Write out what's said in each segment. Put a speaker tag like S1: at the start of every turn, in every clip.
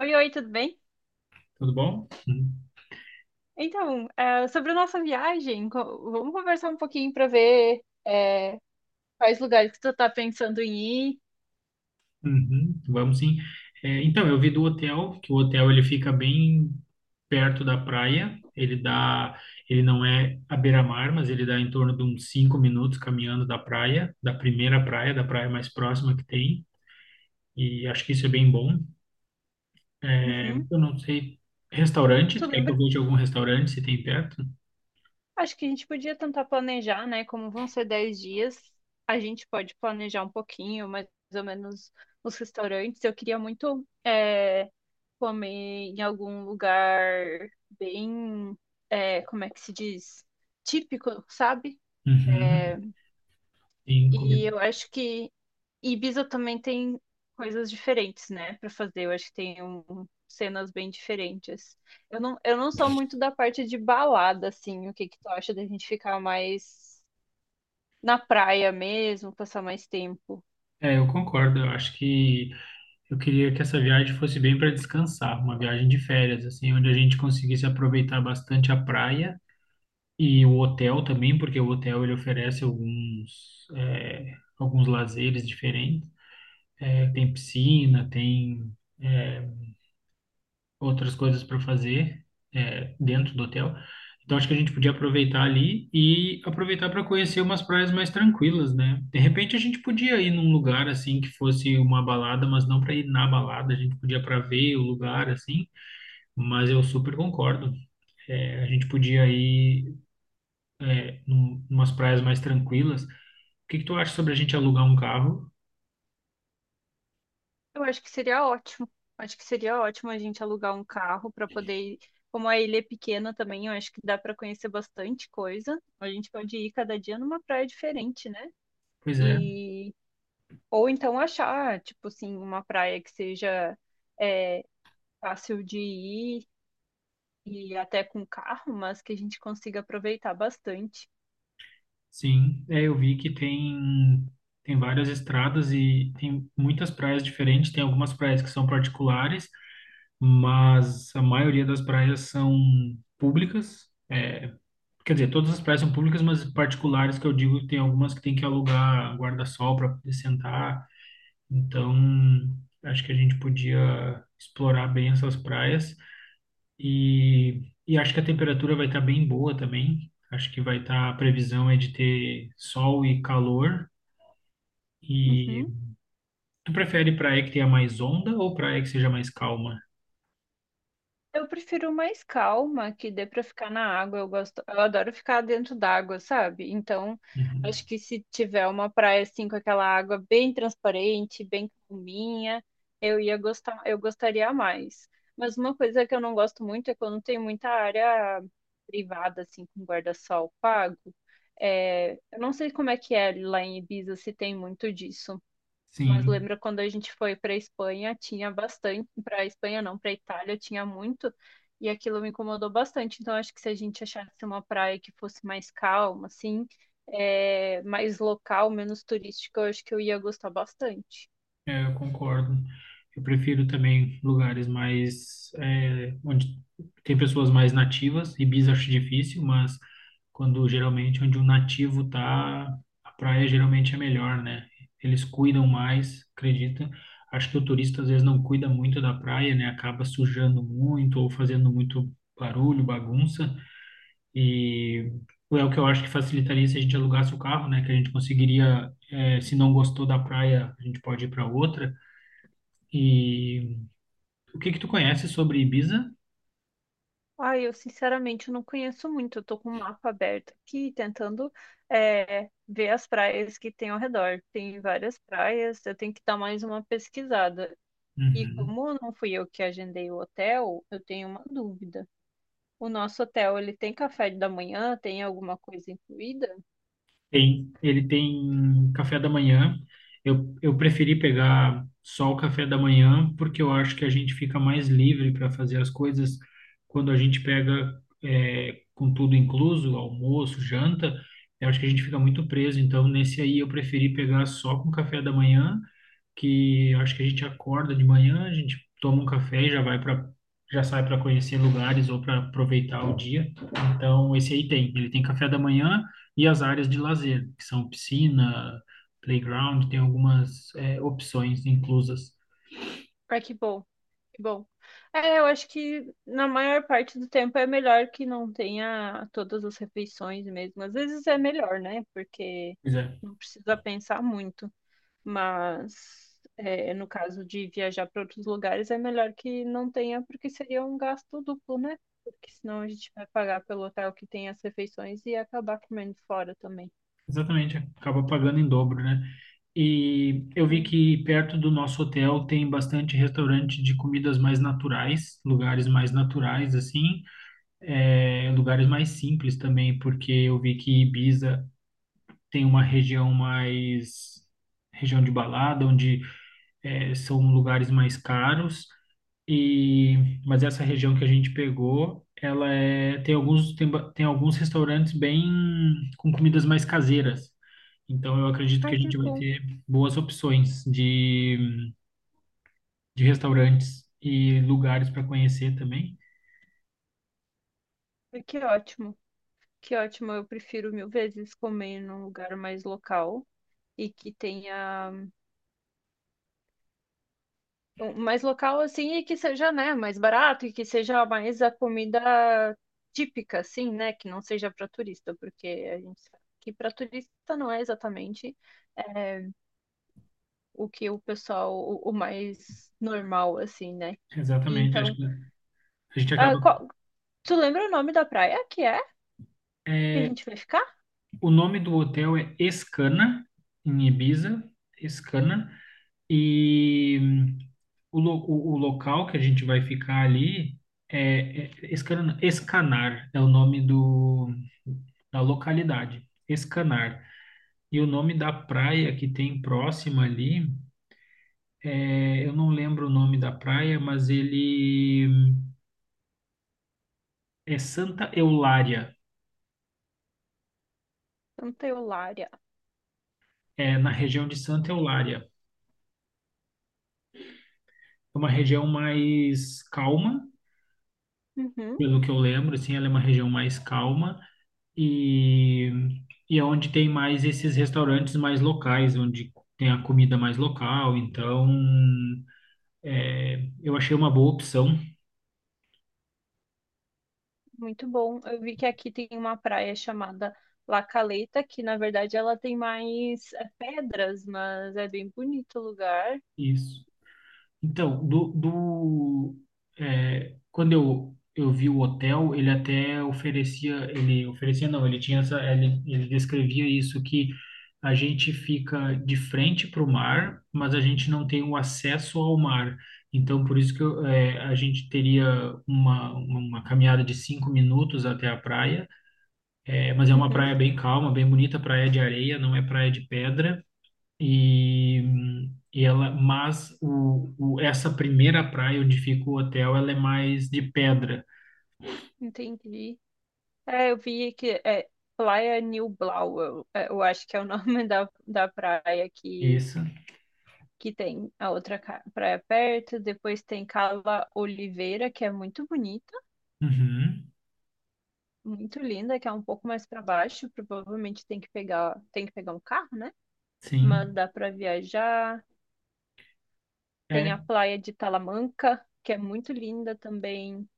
S1: Oi, oi, tudo bem?
S2: Tudo bom? Uhum.
S1: Então, sobre a nossa viagem, vamos conversar um pouquinho para ver quais lugares que tu tá pensando em ir.
S2: Uhum, vamos sim. É, então, eu vi do hotel, que o hotel ele fica bem perto da praia. Ele não é à beira-mar, mas ele dá em torno de uns 5 minutos caminhando da praia, da primeira praia, da praia mais próxima que tem. E acho que isso é bem bom. É,
S1: Uhum.
S2: eu não sei. Restaurante,
S1: Tu
S2: tu quer que eu
S1: lembra?
S2: veja algum restaurante se tem perto?
S1: Acho que a gente podia tentar planejar, né? Como vão ser 10 dias, a gente pode planejar um pouquinho, mais ou menos, os restaurantes. Eu queria muito comer em algum lugar bem, como é que se diz? Típico, sabe?
S2: Uhum, sim, comida.
S1: E eu acho que Ibiza também tem coisas diferentes, né, pra fazer. Eu acho que tem cenas bem diferentes. Eu não sou muito da parte de balada, assim. O que que tu acha da gente ficar mais na praia mesmo, passar mais tempo?
S2: É, eu concordo. Eu queria que essa viagem fosse bem para descansar, uma viagem de férias, assim, onde a gente conseguisse aproveitar bastante a praia e o hotel também, porque o hotel ele oferece alguns lazeres diferentes. É, tem piscina, tem é, outras coisas para fazer dentro do hotel. Então acho que a gente podia aproveitar ali e aproveitar para conhecer umas praias mais tranquilas, né? De repente a gente podia ir num lugar assim que fosse uma balada, mas não para ir na balada, a gente podia para ver o lugar assim, mas eu super concordo. É, a gente podia ir umas praias mais tranquilas. O que que tu acha sobre a gente alugar um carro?
S1: Eu acho que seria ótimo. Acho que seria ótimo a gente alugar um carro pra poder ir. Como a ilha é pequena também, eu acho que dá pra conhecer bastante coisa. A gente pode ir cada dia numa praia diferente, né?
S2: Pois é.
S1: E Ou então achar, tipo assim, uma praia que seja é, fácil de ir e até com carro, mas que a gente consiga aproveitar bastante.
S2: Sim, é, eu vi que tem várias estradas e tem muitas praias diferentes. Tem algumas praias que são particulares, mas a maioria das praias são públicas. É, quer dizer, todas as praias são públicas, mas particulares que eu digo, tem algumas que tem que alugar guarda-sol para poder sentar. Então, acho que a gente podia explorar bem essas praias. E acho que a temperatura vai estar bem boa também. Acho que vai estar, a previsão é de ter sol e calor. E
S1: Uhum.
S2: tu prefere praia que tenha mais onda ou praia que seja mais calma?
S1: Eu prefiro mais calma, que dê pra ficar na água. Eu adoro ficar dentro d'água, sabe? Então,
S2: Uhum.
S1: acho que se tiver uma praia assim com aquela água bem transparente, bem calminha, eu gostaria mais. Mas uma coisa que eu não gosto muito é quando tem muita área privada assim com guarda-sol pago. É, eu não sei como é que é lá em Ibiza se tem muito disso. Mas
S2: Sim.
S1: lembra quando a gente foi para Espanha, tinha bastante, para Espanha não, para Itália tinha muito, e aquilo me incomodou bastante. Então acho que se a gente achasse uma praia que fosse mais calma, assim, mais local, menos turística, eu acho que eu ia gostar bastante.
S2: É, eu concordo. Eu prefiro também lugares mais, onde tem pessoas mais nativas. Ibis acho difícil, mas quando geralmente onde um nativo tá, a praia geralmente é melhor, né? Eles cuidam mais, acredita? Acho que o turista às vezes não cuida muito da praia, né? Acaba sujando muito ou fazendo muito barulho, bagunça. E é o que eu acho que facilitaria se a gente alugasse o carro, né? Que a gente conseguiria, se não gostou da praia, a gente pode ir para outra. E o que que tu conhece sobre Ibiza?
S1: Ah, eu sinceramente eu não conheço muito, eu tô com o mapa aberto aqui, tentando ver as praias que tem ao redor. Tem várias praias, eu tenho que dar mais uma pesquisada. E
S2: Uhum.
S1: como não fui eu que agendei o hotel, eu tenho uma dúvida. O nosso hotel, ele tem café da manhã? Tem alguma coisa incluída?
S2: Ele tem café da manhã. Eu preferi pegar só o café da manhã porque eu acho que a gente fica mais livre para fazer as coisas quando a gente pega com tudo incluso, almoço, janta. Eu acho que a gente fica muito preso. Então, nesse aí eu preferi pegar só com café da manhã que eu acho que a gente acorda de manhã, a gente toma um café e já sai para conhecer lugares ou para aproveitar o dia. Então, esse aí tem café da manhã e as áreas de lazer, que são piscina, playground, tem algumas opções inclusas.
S1: Ah, que bom, que bom. É, eu acho que na maior parte do tempo é melhor que não tenha todas as refeições mesmo. Às vezes é melhor, né? Porque
S2: Pois é,
S1: não precisa pensar muito. Mas é, no caso de viajar para outros lugares, é melhor que não tenha, porque seria um gasto duplo, né? Porque senão a gente vai pagar pelo hotel que tem as refeições e acabar comendo fora também.
S2: exatamente, acaba pagando em dobro, né? E eu vi
S1: Sim.
S2: que perto do nosso hotel tem bastante restaurante de comidas mais naturais, lugares mais naturais assim, lugares mais simples também, porque eu vi que Ibiza tem uma região mais região de balada, onde são lugares mais caros. Mas essa região que a gente pegou, ela tem alguns restaurantes bem com comidas mais caseiras. Então eu acredito que
S1: Ai,
S2: a
S1: que
S2: gente vai
S1: bom.
S2: ter boas opções de restaurantes e lugares para conhecer também.
S1: Ai, que ótimo. Que ótimo, eu prefiro mil vezes comer num lugar mais local e que tenha mais local assim e que seja, né, mais barato e que seja mais a comida típica, assim, né, que não seja para turista, porque a gente sabe que para turista não é exatamente é, o que o pessoal, o mais normal, assim, né? E
S2: Exatamente, acho
S1: então,
S2: que a gente
S1: ah,
S2: acaba.
S1: qual- tu lembra o nome da praia que é que a gente vai ficar?
S2: O nome do hotel é Escana, em Ibiza, Escana, e o local que a gente vai ficar ali é Escana, Escanar, é o nome do, da localidade, Escanar. E o nome da praia que tem próxima ali, eu não lembro o nome da praia, mas ele é Santa Eulária,
S1: Santa Eulária.
S2: é na região de Santa Eulária. É uma região mais calma,
S1: Uhum.
S2: pelo que eu lembro, assim, ela é uma região mais calma e, e é onde tem mais esses restaurantes mais locais, onde tem a comida mais local. Então, eu achei uma boa opção.
S1: Muito bom. Eu vi que aqui tem uma praia chamada La Caleta, que na verdade ela tem mais pedras, mas é bem bonito o lugar.
S2: Isso. Então, quando eu vi o hotel, ele até oferecia, ele oferecia não, ele tinha ele descrevia isso que a gente fica de frente para o mar, mas a gente não tem o acesso ao mar. Então, por isso que a gente teria uma caminhada de 5 minutos até a praia, mas é uma
S1: Uhum,
S2: praia bem calma, bem bonita, praia de areia, não é praia de pedra. E, e mas essa primeira praia onde fica o hotel, ela é mais de pedra.
S1: entendi. É, eu vi que é Playa Nublau, eu acho que é o nome da praia
S2: Isso.
S1: que tem a outra praia perto. Depois tem Cala Oliveira, que é muito bonita,
S2: Uhum.
S1: muito linda, que é um pouco mais para baixo. Provavelmente tem que pegar um carro, né? Mas
S2: Sim.
S1: dá para viajar. Tem a
S2: É
S1: praia de Talamanca, que é muito linda também.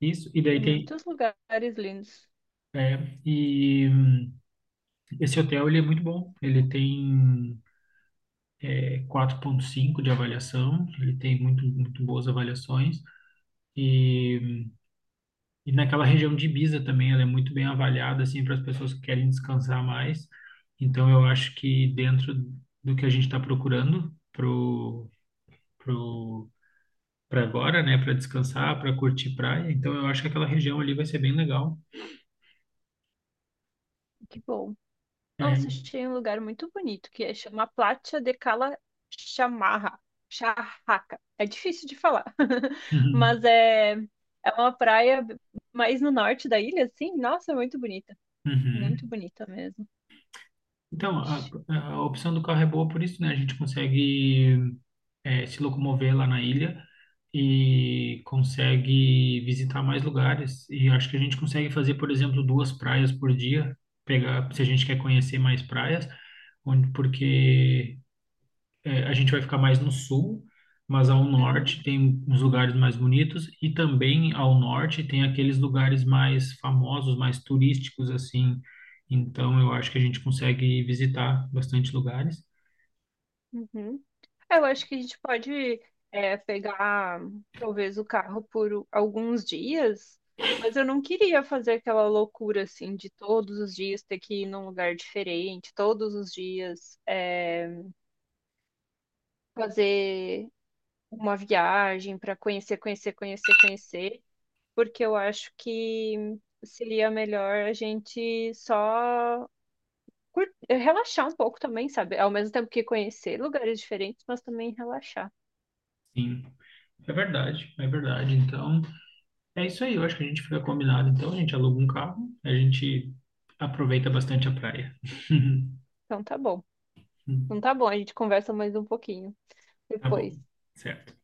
S2: isso.
S1: Tem muitos lugares lindos.
S2: É, e esse hotel ele é muito bom. Ele tem 4,5 de avaliação. Ele tem muito muito boas avaliações. E E naquela região de Ibiza também, ela é muito bem avaliada, assim, para as pessoas que querem descansar mais. Então, eu acho que dentro do que a gente está procurando pro, para agora, né, para descansar, para curtir praia, então eu acho que aquela região ali vai ser bem legal.
S1: Que bom. Nossa,
S2: É.
S1: achei um lugar muito bonito, que é chama Platia de Cala Chamarra. Charraca. É difícil de falar.
S2: Uhum.
S1: Mas é, é uma praia mais no norte da ilha, assim. Nossa, é muito bonita. Muito
S2: Uhum.
S1: bonita mesmo.
S2: Então, a,
S1: Ixi.
S2: a opção do carro é boa por isso, né? A gente consegue se locomover lá na ilha e consegue visitar mais lugares. E acho que a gente consegue fazer, por exemplo, duas praias por dia, pegar, se a gente quer conhecer mais praias, onde, porque a gente vai ficar mais no sul, mas ao
S1: Uhum,
S2: norte tem uns lugares mais bonitos e também ao norte tem aqueles lugares mais famosos, mais turísticos assim. Então eu acho que a gente consegue visitar bastante lugares.
S1: uhum. Eu acho que a gente pode pegar talvez o carro por alguns dias, mas eu não queria fazer aquela loucura assim de todos os dias ter que ir num lugar diferente, todos os dias fazer uma viagem para conhecer, conhecer, conhecer, conhecer, porque eu acho que seria melhor a gente só relaxar um pouco também, sabe? Ao mesmo tempo que conhecer lugares diferentes, mas também relaxar.
S2: Sim, é verdade, é verdade. Então, é isso aí, eu acho que a gente fica combinado. Então, a gente aluga um carro, a gente aproveita bastante a praia.
S1: Então tá bom. Então tá bom, a gente conversa mais um pouquinho
S2: Tá bom,
S1: depois.
S2: certo.